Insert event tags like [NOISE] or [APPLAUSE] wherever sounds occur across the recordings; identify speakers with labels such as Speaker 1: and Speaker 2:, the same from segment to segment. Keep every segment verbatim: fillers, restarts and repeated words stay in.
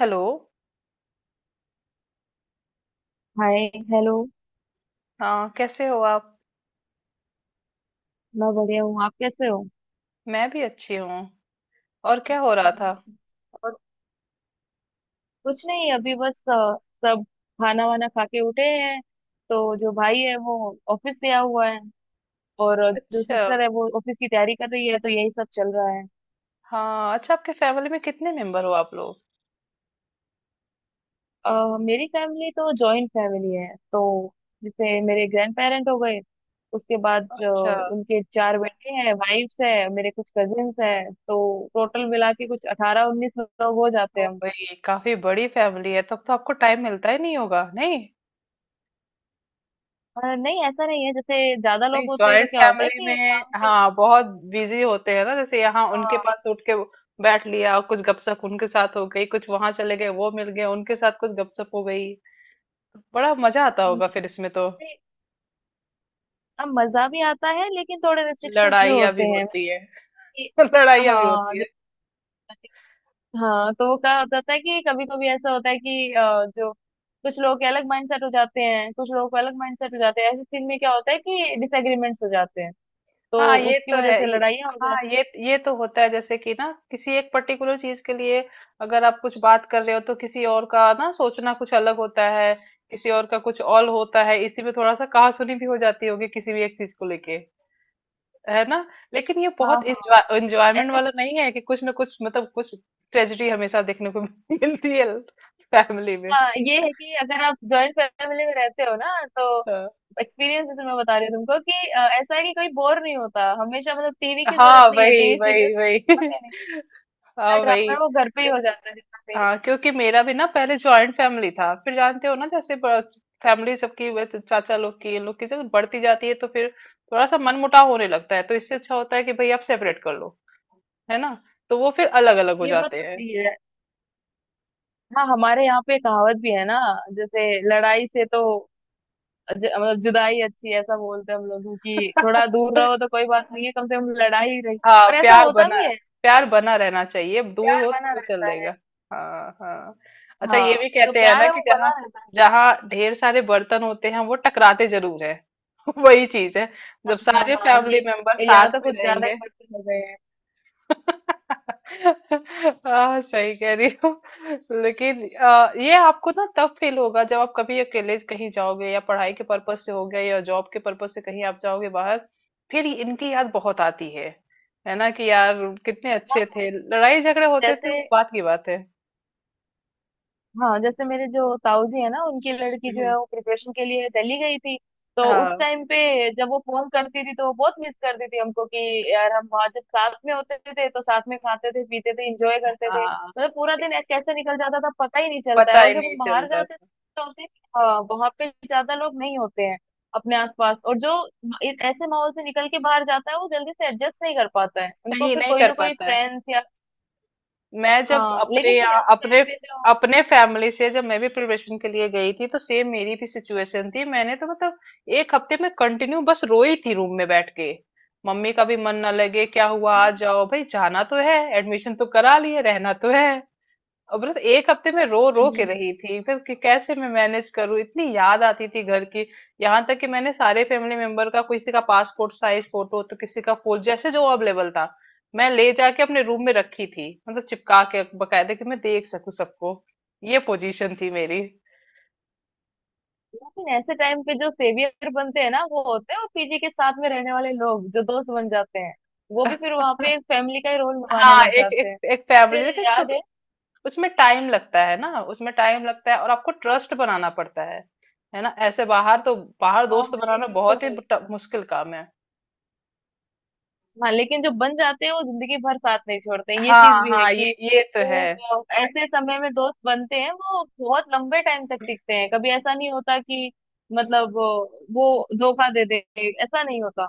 Speaker 1: Hello.
Speaker 2: Hi hello.
Speaker 1: हाँ, कैसे हो आप?
Speaker 2: मैं बढ़िया हूँ। आप कैसे हो?
Speaker 1: मैं भी अच्छी हूँ। और क्या हो रहा था?
Speaker 2: और कुछ नहीं, अभी बस अ, सब खाना वाना खा के उठे हैं। तो जो भाई है वो ऑफिस गया हुआ है, और अ, जो
Speaker 1: अच्छा।
Speaker 2: सिस्टर है वो ऑफिस की तैयारी कर रही है, तो यही सब चल रहा है।
Speaker 1: हाँ, अच्छा, आपके फैमिली में कितने मेंबर हो आप लोग?
Speaker 2: अ, मेरी फैमिली तो जॉइंट फैमिली है। तो जैसे मेरे ग्रैंड पेरेंट हो गए, उसके बाद जो
Speaker 1: अच्छा।
Speaker 2: उनके चार बेटे हैं, वाइफ्स है, मेरे कुछ कजिन्स हैं, तो टोटल मिला के कुछ अठारह उन्नीस लोग हो जाते
Speaker 1: ओ
Speaker 2: हैं हम।
Speaker 1: भाई, काफी बड़ी फैमिली है, तब तो आपको टाइम मिलता ही नहीं होगा, नहीं
Speaker 2: अ, नहीं, ऐसा नहीं है। जैसे ज्यादा
Speaker 1: नहीं,
Speaker 2: लोग होते हैं तो
Speaker 1: जॉइंट
Speaker 2: क्या होता है
Speaker 1: फैमिली
Speaker 2: कि
Speaker 1: में,
Speaker 2: काम जो होता है,
Speaker 1: हाँ, बहुत बिजी होते हैं ना, जैसे यहाँ उनके
Speaker 2: हाँ,
Speaker 1: पास उठ के बैठ लिया, कुछ गपशप उनके साथ हो गई, कुछ वहां चले गए, वो मिल गए, उनके साथ कुछ गपशप हो गई। बड़ा मजा आता होगा
Speaker 2: जैसे,
Speaker 1: फिर इसमें तो।
Speaker 2: अब मजा भी आता है लेकिन थोड़े रिस्ट्रिक्शंस भी
Speaker 1: लड़ाइयाँ भी
Speaker 2: होते हैं
Speaker 1: होती है।
Speaker 2: कि
Speaker 1: [LAUGHS] लड़ाइयाँ भी
Speaker 2: हाँ।
Speaker 1: होती है।
Speaker 2: जैसे- हाँ, तो वो क्या हो जाता है कि कभी कभी ऐसा होता है कि अ, जो कुछ लोग के अलग माइंडसेट हो जाते हैं, कुछ लोगों के अलग माइंडसेट हो जाते हैं। ऐसे सीन में क्या होता है कि डिसएग्रीमेंट्स हो जाते हैं, तो
Speaker 1: हाँ, ये
Speaker 2: उसकी
Speaker 1: तो
Speaker 2: वजह
Speaker 1: है,
Speaker 2: से
Speaker 1: ये-
Speaker 2: लड़ाइयाँ हो
Speaker 1: हाँ,
Speaker 2: जाती
Speaker 1: ये ये तो होता है, जैसे कि ना किसी एक पर्टिकुलर चीज के लिए अगर आप कुछ बात कर रहे हो तो किसी और का ना सोचना कुछ अलग होता है, किसी और का कुछ और होता है, इसी में थोड़ा सा कहासुनी भी हो जाती होगी किसी भी एक चीज को लेके। है ना? लेकिन ये
Speaker 2: हैं। हाँ,
Speaker 1: बहुत
Speaker 2: हाँ,
Speaker 1: एंजॉय एंजॉयमेंट वाला नहीं है, कि कुछ ना कुछ मतलब कुछ ट्रेजेडी हमेशा देखने को [LAUGHS] मिलती है फैमिली में।
Speaker 2: हाँ, ये है कि अगर आप जॉइंट फैमिली में रहते हो ना, तो
Speaker 1: हाँ।
Speaker 2: एक्सपीरियंस जैसे मैं बता रही हूँ तुमको कि अ, ऐसा है कि कोई बोर नहीं होता हमेशा। मतलब टीवी की जरूरत
Speaker 1: हाँ,
Speaker 2: नहीं है,
Speaker 1: वही
Speaker 2: टीवी सीरियल
Speaker 1: वही वही। [LAUGHS]
Speaker 2: जितना
Speaker 1: हाँ,
Speaker 2: ड्रामा
Speaker 1: वही।
Speaker 2: है वो घर पे ही हो जाता है, जितना सीरियल।
Speaker 1: हाँ, क्योंकि मेरा भी ना पहले जॉइंट फैमिली था, फिर जानते हो ना, जैसे फैमिली सबकी, वैसे चाचा लोग की इन लोग की जब बढ़ती जाती है तो फिर थोड़ा सा मनमुटाव होने लगता है, तो इससे अच्छा होता है कि भाई आप सेपरेट कर लो। है ना? तो वो फिर अलग अलग हो
Speaker 2: ये बात
Speaker 1: जाते
Speaker 2: तो
Speaker 1: हैं।
Speaker 2: सही है। हाँ, हमारे यहाँ पे कहावत भी है ना, जैसे लड़ाई से तो ज, मतलब जुदाई अच्छी है, ऐसा बोलते हैं हम लोग कि थोड़ा
Speaker 1: [LAUGHS]
Speaker 2: दूर रहो तो कोई बात नहीं है, कम से कम लड़ाई रही।
Speaker 1: हाँ,
Speaker 2: और ऐसा
Speaker 1: प्यार
Speaker 2: होता
Speaker 1: बना।
Speaker 2: भी है,
Speaker 1: प्यार बना रहना चाहिए, दूर
Speaker 2: प्यार
Speaker 1: हो
Speaker 2: बना
Speaker 1: तो चल
Speaker 2: रहता
Speaker 1: देगा।
Speaker 2: है।
Speaker 1: हाँ हाँ। अच्छा, ये
Speaker 2: हाँ,
Speaker 1: भी
Speaker 2: तो
Speaker 1: कहते हैं ना
Speaker 2: प्यार है
Speaker 1: कि
Speaker 2: वो
Speaker 1: जहाँ,
Speaker 2: बना रहता है।
Speaker 1: जहाँ ढेर सारे बर्तन होते हैं, वो टकराते जरूर हैं। [LAUGHS] वही चीज है,
Speaker 2: हाँ,
Speaker 1: जब
Speaker 2: हाँ,
Speaker 1: सारे
Speaker 2: हाँ,
Speaker 1: फैमिली
Speaker 2: ये
Speaker 1: मेंबर
Speaker 2: यहाँ
Speaker 1: साथ
Speaker 2: तो
Speaker 1: में
Speaker 2: कुछ ज्यादा ही
Speaker 1: रहेंगे।
Speaker 2: बढ़ते लग रहे हैं।
Speaker 1: हाँ, सही कह रही हो। लेकिन अ, ये आपको ना तब फील होगा जब आप कभी अकेले कहीं जाओगे, या पढ़ाई के पर्पज से हो गया या जॉब के पर्पज से कहीं आप जाओगे बाहर, फिर इनकी याद बहुत आती है। है ना, कि यार कितने अच्छे
Speaker 2: हाँ
Speaker 1: थे। लड़ाई झगड़े होते थे
Speaker 2: जैसे
Speaker 1: वो बात की बात है।
Speaker 2: हाँ, जैसे मेरे जो ताऊ जी है ना, उनकी लड़की जो
Speaker 1: हम्म।
Speaker 2: है वो प्रिपरेशन के लिए दिल्ली गई थी। तो उस
Speaker 1: हाँ।
Speaker 2: टाइम पे जब वो फोन करती थी तो वो बहुत मिस करती थी हमको कि यार हम वहाँ जब साथ में होते थे तो साथ में खाते थे, पीते थे, इंजॉय करते थे,
Speaker 1: हाँ,
Speaker 2: मतलब पूरा दिन ऐसे- कैसे निकल जाता था पता ही नहीं चलता
Speaker 1: पता
Speaker 2: है। और
Speaker 1: ही
Speaker 2: जब
Speaker 1: नहीं
Speaker 2: हम बाहर
Speaker 1: चलता
Speaker 2: जाते
Speaker 1: था।
Speaker 2: तो होते हैं कि, हाँ, वहाँ पे ज्यादा लोग नहीं होते हैं अपने आसपास, और जो एक ऐसे माहौल से निकल के बाहर जाता है वो जल्दी से एडजस्ट नहीं कर पाता है। उनको
Speaker 1: सही
Speaker 2: फिर
Speaker 1: नहीं
Speaker 2: कोई
Speaker 1: कर
Speaker 2: ना कोई
Speaker 1: पाता है।
Speaker 2: फ्रेंड्स या
Speaker 1: मैं जब
Speaker 2: हाँ,
Speaker 1: अपने
Speaker 2: लेकिन फिर
Speaker 1: यहाँ
Speaker 2: ऐसे
Speaker 1: अपने
Speaker 2: टाइम पे जो
Speaker 1: अपने फैमिली से जब मैं भी प्रिपरेशन के लिए गई थी तो सेम मेरी भी सिचुएशन थी, मैंने तो मतलब एक हफ्ते में कंटिन्यू बस रोई थी रूम में बैठ के। मम्मी का भी मन ना लगे, क्या हुआ, आ
Speaker 2: हम्म,
Speaker 1: जाओ भाई, जाना तो है, एडमिशन तो करा लिए, रहना तो है। और बस एक हफ्ते में रो
Speaker 2: हम्म,
Speaker 1: रो के
Speaker 2: हम्म, हम्म।
Speaker 1: रही थी फिर कि कैसे मैं मैनेज करूं, इतनी याद आती थी घर की। यहाँ तक कि मैंने सारे फैमिली मेंबर का, किसी का पासपोर्ट साइज फोटो तो किसी का फूल, जैसे जो अवेलेबल था, मैं ले जाके अपने रूम में रखी थी, मतलब चिपका के बकायदे, कि मैं देख सकूं सबको। ये पोजीशन थी मेरी।
Speaker 2: लेकिन ऐसे टाइम पे जो सेवियर बनते हैं ना वो होते हैं वो पीजी के साथ में रहने वाले लोग, जो दोस्त बन जाते हैं। वो भी
Speaker 1: [LAUGHS]
Speaker 2: फिर वहां पे एक फैमिली का ही रोल निभाने
Speaker 1: हाँ,
Speaker 2: लग
Speaker 1: एक
Speaker 2: जाते
Speaker 1: एक
Speaker 2: हैं।
Speaker 1: एक फैमिली,
Speaker 2: मुझे
Speaker 1: लेकिन
Speaker 2: याद
Speaker 1: सब-
Speaker 2: है।
Speaker 1: उसमें टाइम लगता है ना, उसमें टाइम लगता है और आपको ट्रस्ट बनाना पड़ता है। है ना? ऐसे बाहर तो, बाहर
Speaker 2: हाँ,
Speaker 1: दोस्त
Speaker 2: हाँ, ये
Speaker 1: बनाना
Speaker 2: चीज तो
Speaker 1: बहुत ही
Speaker 2: है।
Speaker 1: ट- मुश्किल काम है।
Speaker 2: हाँ, लेकिन जो बन जाते हैं वो जिंदगी भर साथ नहीं छोड़ते हैं। ये
Speaker 1: हाँ
Speaker 2: चीज भी है
Speaker 1: हाँ, ये
Speaker 2: कि
Speaker 1: ये तो है।
Speaker 2: जो अ, ऐसे समय में दोस्त बनते हैं वो बहुत लंबे टाइम तक टिकते हैं। कभी ऐसा नहीं होता कि मतलब अ, वो धोखा दे दे, ऐसा नहीं होता।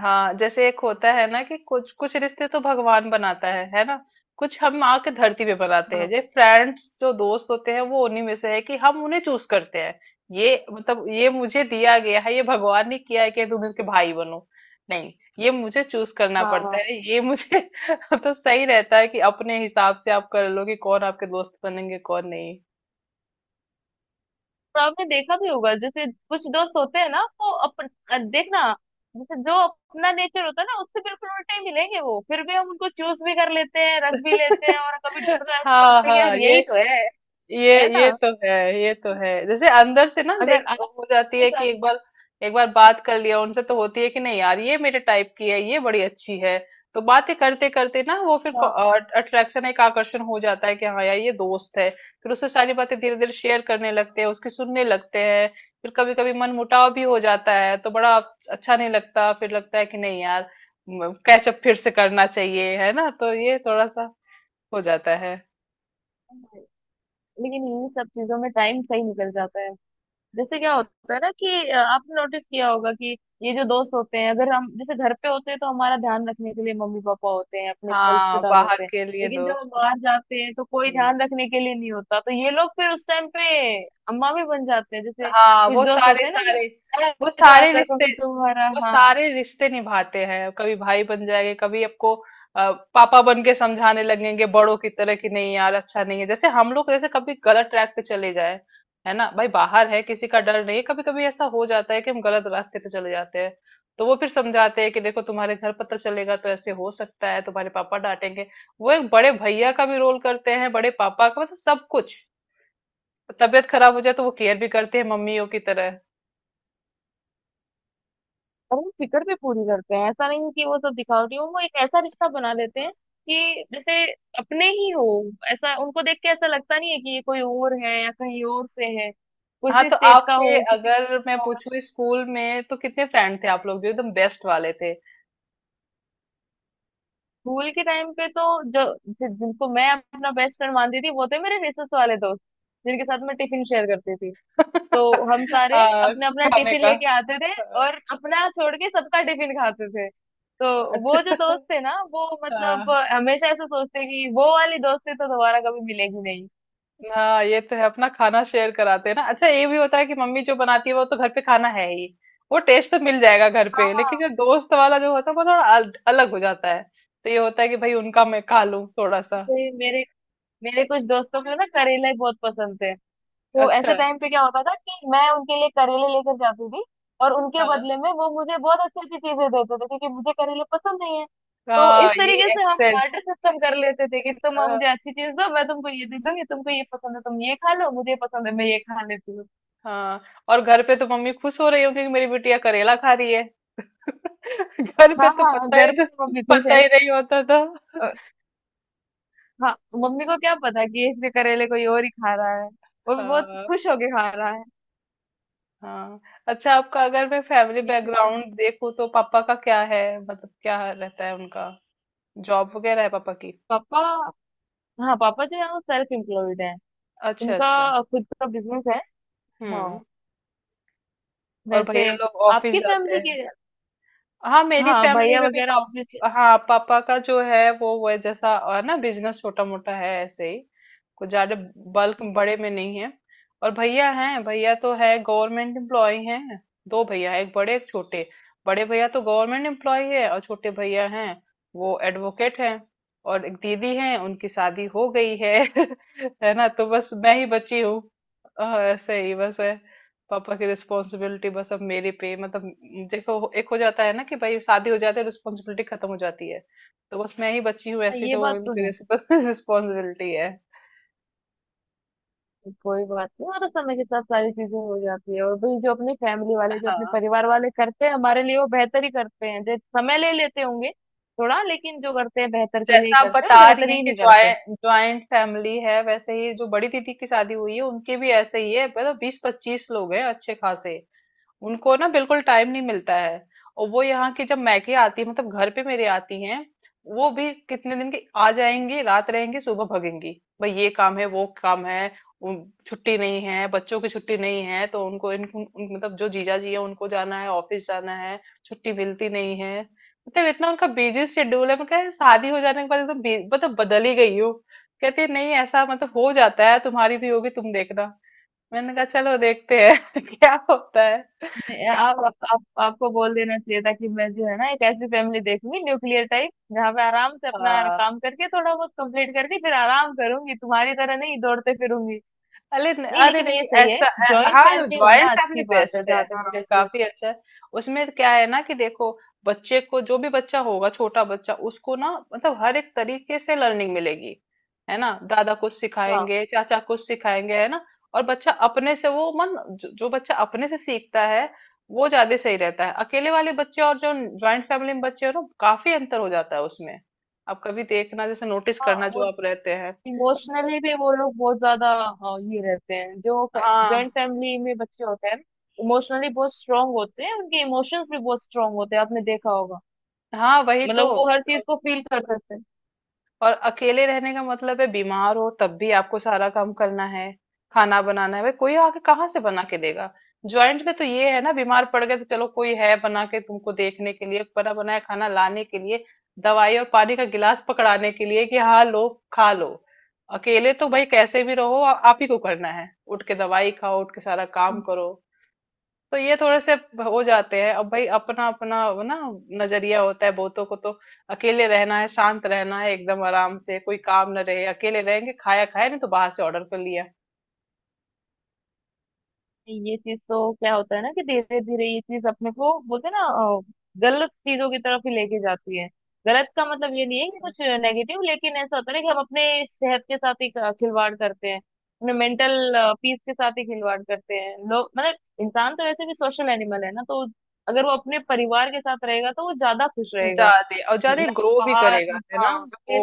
Speaker 1: हाँ, जैसे एक होता है ना कि कुछ कुछ रिश्ते तो भगवान बनाता है है ना? कुछ हम माँ के धरती पे बनाते हैं,
Speaker 2: हाँ,
Speaker 1: जैसे फ्रेंड्स जो दोस्त होते हैं वो उन्हीं में से है कि हम उन्हें चूज करते हैं। ये मतलब ये मुझे दिया गया है, ये भगवान ने किया है कि तुम इसके भाई बनो, नहीं, ये मुझे चूज करना
Speaker 2: हाँ,
Speaker 1: पड़ता
Speaker 2: हाँ।
Speaker 1: है ये मुझे। [LAUGHS] तो सही रहता है कि अपने हिसाब से आप कर लो कि कौन आपके दोस्त बनेंगे कौन नहीं।
Speaker 2: और आपने देखा भी होगा, जैसे कुछ दोस्त होते हैं ना वो अपन अ, देखना, जैसे जो अपना नेचर होता है ना उससे बिल्कुल उल्टे ही मिलेंगे, वो फिर भी हम उनको चूज भी कर लेते हैं, रख भी लेते हैं और कभी
Speaker 1: [LAUGHS]
Speaker 2: मतलब ऐसे
Speaker 1: हाँ
Speaker 2: सोचते हैं कि यार
Speaker 1: हाँ, ये
Speaker 2: यही तो है।
Speaker 1: ये
Speaker 2: है ना।
Speaker 1: ये तो है, ये तो है, जैसे अंदर से ना
Speaker 2: अगर
Speaker 1: देख हो जाती
Speaker 2: आपके
Speaker 1: है कि
Speaker 2: साथ,
Speaker 1: एक बार, एक बार बात कर लिया उनसे तो होती है कि नहीं यार ये मेरे टाइप की है, ये बड़ी अच्छी है। तो बातें करते करते ना वो फिर
Speaker 2: हाँ,
Speaker 1: अट्रैक्शन, एक आकर्षण हो जाता है कि हाँ यार ये दोस्त है। फिर उससे सारी बातें धीरे धीरे शेयर करने लगते हैं, उसकी सुनने लगते हैं। फिर कभी कभी मन मुटाव भी हो जाता है तो बड़ा अच्छा नहीं लगता, फिर लगता है कि नहीं यार कैचअप फिर से करना चाहिए, है ना? तो ये थोड़ा सा हो जाता है।
Speaker 2: लेकिन इन सब चीजों में टाइम सही निकल जाता है। जैसे क्या होता है ना कि अ, आपने नोटिस किया होगा कि ये जो दोस्त होते हैं, अगर हम जैसे घर पे होते हैं तो हमारा ध्यान रखने के लिए मम्मी पापा होते हैं, अपने पर
Speaker 1: हाँ,
Speaker 2: रिश्तेदार
Speaker 1: बाहर
Speaker 2: होते हैं।
Speaker 1: के लिए
Speaker 2: लेकिन जब हम
Speaker 1: दोस्त।
Speaker 2: बाहर जाते हैं तो कोई
Speaker 1: हम्म।
Speaker 2: ध्यान रखने के लिए नहीं होता, तो ये लोग फिर उस टाइम पे अम्मा भी बन जाते हैं। जैसे
Speaker 1: हाँ,
Speaker 2: कुछ
Speaker 1: वो
Speaker 2: दोस्त
Speaker 1: सारे
Speaker 2: होते हैं ना कि वो,
Speaker 1: सारे,
Speaker 2: "अरे,
Speaker 1: वो
Speaker 2: ध्यान
Speaker 1: सारे रिश्ते,
Speaker 2: रखोगे, तुम्हारा,
Speaker 1: वो
Speaker 2: हाँ"।
Speaker 1: सारे रिश्ते निभाते हैं। कभी भाई बन जाएंगे, कभी आपको अ, पापा बन के समझाने लगेंगे बड़ों की तरह, कि नहीं यार अच्छा नहीं है, जैसे हम लोग जैसे कभी गलत ट्रैक पे चले जाए। है ना, भाई बाहर है, किसी का डर नहीं, कभी कभी ऐसा हो जाता है कि हम गलत रास्ते पे चले जाते हैं। तो वो फिर समझाते हैं कि देखो तुम्हारे घर पता चलेगा तो ऐसे हो सकता है, तुम्हारे पापा डांटेंगे। वो एक बड़े भैया का भी रोल करते हैं, बड़े पापा का, मतलब सब कुछ। तबीयत खराब हो जाए तो वो केयर भी करते हैं मम्मियों की तरह।
Speaker 2: और वो फिक्र भी पूरी करते हैं, ऐसा नहीं कि वो सब दिखावटी हो। वो एक ऐसा रिश्ता बना देते हैं कि जैसे अपने ही हो। ऐसा उनको देख के ऐसा लगता नहीं है कि ये कोई और है या कहीं और से है,
Speaker 1: हाँ,
Speaker 2: किसी
Speaker 1: तो
Speaker 2: स्टेट का
Speaker 1: आपके,
Speaker 2: हो, किसी भी
Speaker 1: अगर
Speaker 2: state
Speaker 1: मैं
Speaker 2: का हो।
Speaker 1: पूछूं, इस स्कूल में तो कितने फ्रेंड थे आप लोग जो एकदम बेस्ट वाले थे?
Speaker 2: स्कूल के टाइम पे तो जो जि- जिनको मैं अपना बेस्ट फ्रेंड मानती थी वो थे मेरे रिसेस वाले दोस्त, जिनके साथ मैं टिफिन शेयर करती थी।
Speaker 1: [LAUGHS]
Speaker 2: तो हम सारे
Speaker 1: आ,
Speaker 2: अपना अपना
Speaker 1: खाने
Speaker 2: टिफिन
Speaker 1: का।
Speaker 2: लेके आते थे, और अपना छोड़ के सबका टिफिन खाते थे। तो वो जो
Speaker 1: अच्छा।
Speaker 2: दोस्त थे ना वो मतलब
Speaker 1: हाँ
Speaker 2: अ, हमेशा ऐसा सोचते कि वो वाली दोस्ती तो दोबारा कभी मिलेगी नहीं।
Speaker 1: हाँ, ये तो है, अपना खाना शेयर कराते हैं ना। अच्छा, ये भी होता है कि मम्मी जो बनाती है वो तो घर पे खाना है ही, वो टेस्ट तो मिल जाएगा घर पे,
Speaker 2: हाँ।
Speaker 1: लेकिन जो दोस्त वाला जो होता है वो थोड़ा अल, अलग हो जाता है। तो ये होता है कि भाई उनका मैं खा लूं थोड़ा सा।
Speaker 2: मेरे मेरे मेरे कुछ दोस्तों को ना करेला ही बहुत पसंद थे। तो ऐसे
Speaker 1: अच्छा।
Speaker 2: टाइम पे क्या होता था कि मैं उनके लिए करेले लेकर जाती थी, और उनके
Speaker 1: हाँ।
Speaker 2: बदले में वो मुझे बहुत अच्छी अच्छी चीजें देते थे, क्योंकि मुझे करेले पसंद नहीं है। तो इस
Speaker 1: हाँ, ये
Speaker 2: तरीके से हम
Speaker 1: एक्सेस।
Speaker 2: बार्टर सिस्टम कर लेते थे कि तुम मुझे
Speaker 1: हाँ।
Speaker 2: अच्छी चीज दो, मैं तुमको ये दे दूंगी, तुमको ये पसंद है तुम ये खा लो, मुझे ये पसंद है मैं ये खा लेती हूँ।
Speaker 1: हाँ। और घर पे तो मम्मी खुश हो रही होंगी कि मेरी बिटिया करेला खा रही है। [LAUGHS] घर पे
Speaker 2: हाँ,
Speaker 1: तो
Speaker 2: हाँ,
Speaker 1: पता ही
Speaker 2: घर पे
Speaker 1: नहीं-
Speaker 2: मम्मी खुश
Speaker 1: पता
Speaker 2: है।
Speaker 1: ही नहीं होता था।
Speaker 2: अ, हाँ, मम्मी को क्या पता कि इसके करेले कोई और ही खा रहा है, वो भी बहुत
Speaker 1: हाँ।
Speaker 2: खुश होके खा रहा है।
Speaker 1: हाँ। अच्छा, आपका अगर मैं फैमिली
Speaker 2: ये चीज है।
Speaker 1: बैकग्राउंड देखूँ तो पापा का क्या है, मतलब क्या रहता है उनका, जॉब वगैरह है पापा की?
Speaker 2: पापा हाँ, पापा जो है वो सेल्फ एम्प्लॉयड है।
Speaker 1: अच्छा अच्छा।
Speaker 2: उनका खुद का बिजनेस है।
Speaker 1: हम्म।
Speaker 2: हाँ।
Speaker 1: और
Speaker 2: वैसे
Speaker 1: भैया लोग ऑफिस
Speaker 2: आपकी
Speaker 1: जाते
Speaker 2: फैमिली
Speaker 1: हैं?
Speaker 2: के,
Speaker 1: हाँ, मेरी
Speaker 2: हाँ,
Speaker 1: फैमिली
Speaker 2: भैया
Speaker 1: में भी
Speaker 2: वगैरह
Speaker 1: पाप,
Speaker 2: ऑब्वियसली।
Speaker 1: हाँ, पापा का जो है वो वो जैसा अ, ना, बिजनेस छोटा मोटा है ऐसे ही, कुछ ज्यादा बल्क बड़े में नहीं है। और भैया हैं, भैया तो है, गवर्नमेंट एम्प्लॉय हैं। दो भैया हैं, एक बड़े एक छोटे। बड़े भैया तो गवर्नमेंट एम्प्लॉय है और छोटे भैया हैं, वो एडवोकेट हैं। और एक दीदी हैं, उनकी शादी हो गई है। [LAUGHS] है ना, तो बस मैं ही बची हूँ। अ, ऐसे ही बस है। पापा की रिस्पॉन्सिबिलिटी बस अब मेरे पे, मतलब म, देखो, एक हो जाता है ना कि भाई शादी हो जाती है रिस्पॉन्सिबिलिटी खत्म हो जाती है, तो बस मैं ही बची हूँ ऐसी
Speaker 2: ये
Speaker 1: जो
Speaker 2: बात तो
Speaker 1: उनकी
Speaker 2: है।
Speaker 1: रिस्पॉन्सिबिलिटी [LAUGHS] है।
Speaker 2: कोई बात नहीं, वो तो समय के साथ सारी चीजें हो जाती है, और भाई जो अपनी फैमिली वाले जो अपने
Speaker 1: हाँ,
Speaker 2: परिवार वाले करते हैं हमारे लिए वो बेहतर ही करते हैं। जो समय ले लेते होंगे थोड़ा, लेकिन जो करते हैं बेहतर के लिए ही
Speaker 1: जैसा आप
Speaker 2: करते हैं,
Speaker 1: बता
Speaker 2: और
Speaker 1: रही
Speaker 2: बेहतर
Speaker 1: हैं
Speaker 2: ही
Speaker 1: कि
Speaker 2: नहीं करते हैं।
Speaker 1: ज्वाइंट ज्वाइंट फैमिली है, वैसे ही जो बड़ी दीदी की शादी हुई है उनकी भी ऐसे ही है, मतलब बीस पच्चीस लोग हैं अच्छे खासे। उनको ना बिल्कुल टाइम नहीं मिलता है। और वो यहाँ की जब मैके आती है, मतलब घर पे मेरे आती हैं, वो भी कितने दिन की आ जाएंगी, रात रहेंगी सुबह भगेंगी। भाई ये काम है वो काम है, उन- छुट्टी नहीं है, बच्चों की छुट्टी नहीं है, तो उनको इनको उन- मतलब जो जीजा जी है उनको जाना है, ऑफिस जाना है, छुट्टी मिलती नहीं है। मतलब इतना उनका बिजी शेड्यूल है। मैं कह रही, शादी हो जाने के बाद एकदम बी- मतलब बदल ही गई हो। कहती है, नहीं ऐसा मतलब हो जाता है, तुम्हारी भी होगी, तुम देखना। मैंने कहा चलो देखते हैं [LAUGHS] क्या होता है।
Speaker 2: मैं- आप, आप, आप आपको बोल देना चाहिए था कि मैं जो है ना, एक ऐसी फैमिली देखूंगी न्यूक्लियर टाइप, जहाँ पे आराम से अपना
Speaker 1: हाँ।
Speaker 2: काम करके थोड़ा बहुत कंप्लीट करके फिर आराम करूंगी, तुम्हारी तरह नहीं दौड़ते फिरूंगी।
Speaker 1: अरे न-
Speaker 2: नहीं,
Speaker 1: अरे
Speaker 2: लेकिन ये
Speaker 1: नहीं,
Speaker 2: सही है।
Speaker 1: ऐसा अ,
Speaker 2: जॉइंट
Speaker 1: हाँ,
Speaker 2: फैमिली
Speaker 1: ज्वाइंट
Speaker 2: होना
Speaker 1: फैमिली
Speaker 2: अच्छी बात है,
Speaker 1: बेस्ट है।
Speaker 2: जहाँ तक
Speaker 1: हाँ,
Speaker 2: मुझे ऐसा
Speaker 1: काफी
Speaker 2: लगता
Speaker 1: अच्छा है। उसमें क्या है ना, कि देखो बच्चे को, जो भी बच्चा होगा, छोटा बच्चा, उसको ना मतलब हर एक तरीके से लर्निंग मिलेगी। है ना, दादा कुछ
Speaker 2: है। हाँ,
Speaker 1: सिखाएंगे, चाचा कुछ सिखाएंगे, है ना? और बच्चा अपने से, वो मन जो, जो बच्चा अपने से सीखता है वो ज्यादा सही रहता है। अकेले वाले बच्चे और जो ज्वाइंट फैमिली में बच्चे हो ना, काफी अंतर हो जाता है उसमें। आप कभी देखना, जैसे नोटिस
Speaker 2: हाँ,
Speaker 1: करना,
Speaker 2: वो
Speaker 1: जो आप रहते हैं।
Speaker 2: इमोशनली भी वो लोग बहुत ज्यादा, हाँ, ये रहते हैं जो जॉइंट
Speaker 1: हाँ
Speaker 2: फैमिली में बच्चे होते हैं। इमोशनली बहुत स्ट्रांग होते हैं, उनके इमोशंस भी बहुत स्ट्रांग होते हैं, आपने देखा होगा।
Speaker 1: हाँ, वही तो।
Speaker 2: मतलब वो हर चीज को फील कर सकते हैं।
Speaker 1: और अकेले रहने का मतलब है, बीमार हो तब भी आपको सारा काम करना है, खाना बनाना है, भाई कोई आके कहाँ से बना के देगा। ज्वाइंट में तो ये है ना, बीमार पड़ गए तो चलो कोई है बना के तुमको देखने के लिए, बना बनाया खाना लाने के लिए, दवाई और पानी का गिलास पकड़ाने के लिए कि हाँ लो, खा लो। अकेले तो भाई कैसे भी रहो, आ- आप ही को करना है, उठ के दवाई खाओ, उठ के सारा काम करो। तो ये थोड़े से हो जाते हैं। अब भाई अपना अपना वो ना नजरिया होता है बहुतों को तो, अकेले रहना है, शांत रहना है, एकदम आराम से कोई काम न रहे, अकेले रहेंगे, खाया खाया, नहीं तो बाहर से ऑर्डर कर लिया।
Speaker 2: ये चीज तो क्या होता है ना कि धीरे धीरे ये चीज, अपने को बोलते हैं ना, अ, गलत चीजों की तरफ ही लेके जाती है। गलत का मतलब ये नहीं है कि कुछ नेगेटिव, लेकिन ऐसा होता है ना कि हम अपने सेहत के साथ ही अ, खिलवाड़ करते हैं, अपने मेंटल पीस के साथ ही खिलवाड़ करते हैं लोग। मतलब इंसान तो वैसे भी सोशल एनिमल है ना, तो अगर वो अपने परिवार के साथ रहेगा तो वो ज्यादा खुश रहेगा।
Speaker 1: ज्यादा और ज्यादा
Speaker 2: ना,
Speaker 1: ग्रो भी
Speaker 2: बाहर,
Speaker 1: करेगा, है ना?
Speaker 2: हाँ,
Speaker 1: वो।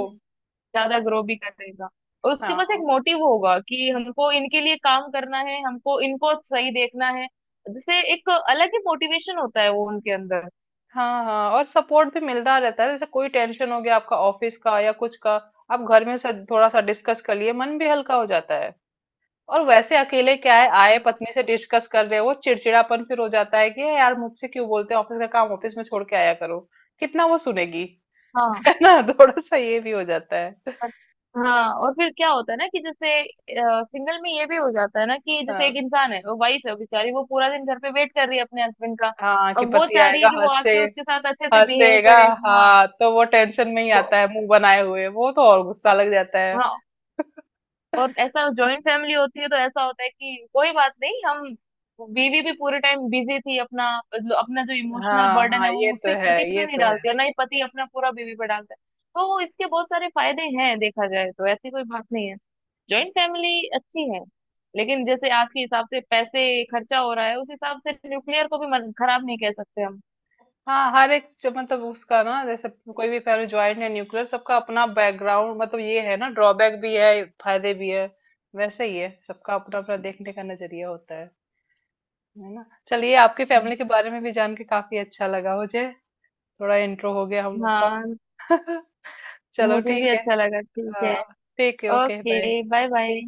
Speaker 2: ज्यादा ग्रो भी करेगा। और उसके पास
Speaker 1: हाँ
Speaker 2: एक मोटिव होगा कि हमको इनके लिए काम करना है, हमको इनको सही देखना है। जैसे एक अलग ही मोटिवेशन होता है वो उनके अंदर।
Speaker 1: हाँ हाँ, और सपोर्ट भी मिलता रहता है, जैसे कोई टेंशन हो गया आपका ऑफिस का या कुछ का, आप घर में सा- थोड़ा सा डिस्कस कर लिए, मन भी हल्का हो जाता है। और वैसे अकेले क्या है, आए
Speaker 2: ये बात,
Speaker 1: पत्नी से डिस्कस कर रहे हो, चिड़चिड़ापन फिर हो जाता है कि "ए यार, मुझसे क्यों बोलते हैं, ऑफिस का काम ऑफिस में छोड़ के आया करो।" कितना वो सुनेगी? [LAUGHS]
Speaker 2: हाँ।
Speaker 1: है ना, थोड़ा सा ये भी हो जाता है।
Speaker 2: पर- हाँ, और फिर क्या होता है ना कि जैसे सिंगल में ये भी हो जाता है ना कि जैसे एक
Speaker 1: हाँ
Speaker 2: इंसान है, वो वाइफ है बेचारी, वो पूरा दिन घर पे वेट कर रही है अपने हस्बैंड का।
Speaker 1: हाँ, कि
Speaker 2: अब वो
Speaker 1: पति
Speaker 2: चाह रही
Speaker 1: आएगा,
Speaker 2: है कि वो
Speaker 1: हंसे,
Speaker 2: आके उसके साथ अच्छे से बिहेव
Speaker 1: हंसेगा।
Speaker 2: करे। हाँ,
Speaker 1: हाँ, तो वो टेंशन में ही
Speaker 2: वो
Speaker 1: आता है, मुंह बनाए हुए, वो तो और गुस्सा लग जाता है।
Speaker 2: हाँ, और ऐसा जॉइंट फैमिली होती है तो ऐसा होता है कि कोई बात नहीं, हम बीवी भी पूरे टाइम बिजी थी अपना, मतलब अपना जो इमोशनल
Speaker 1: हाँ
Speaker 2: बर्डन
Speaker 1: हाँ,
Speaker 2: है
Speaker 1: ये
Speaker 2: वो
Speaker 1: तो
Speaker 2: सिर्फ
Speaker 1: है,
Speaker 2: पति पे
Speaker 1: ये
Speaker 2: नहीं
Speaker 1: तो है।
Speaker 2: डालती, और ना ही पति अपना पूरा बीवी पे डालता है। तो इसके बहुत सारे फायदे हैं, देखा जाए तो ऐसी कोई बात नहीं है। जॉइंट फैमिली अच्छी है। लेकिन जैसे आज के हिसाब से पैसे खर्चा हो रहा है, उस हिसाब से न्यूक्लियर को भी मत- खराब नहीं कह सकते हम।
Speaker 1: हाँ, हर एक जो, मतलब उसका ना, जैसे कोई भी, पहले ज्वाइंट है न्यूक्लियर, सबका अपना बैकग्राउंड, मतलब ये है ना, ड्रॉबैक भी है फायदे भी है। वैसे ही है, सबका अपना अपना देखने का नजरिया होता है। है ना? चलिए, आपकी फैमिली के बारे में भी जान के काफी अच्छा लगा मुझे। थोड़ा इंट्रो हो गया हम लोग का।
Speaker 2: हाँ,
Speaker 1: [LAUGHS] चलो,
Speaker 2: मुझे भी
Speaker 1: ठीक है।
Speaker 2: अच्छा लगा, ठीक है।
Speaker 1: हाँ, ठीक है, okay bye.
Speaker 2: Okay, bye bye.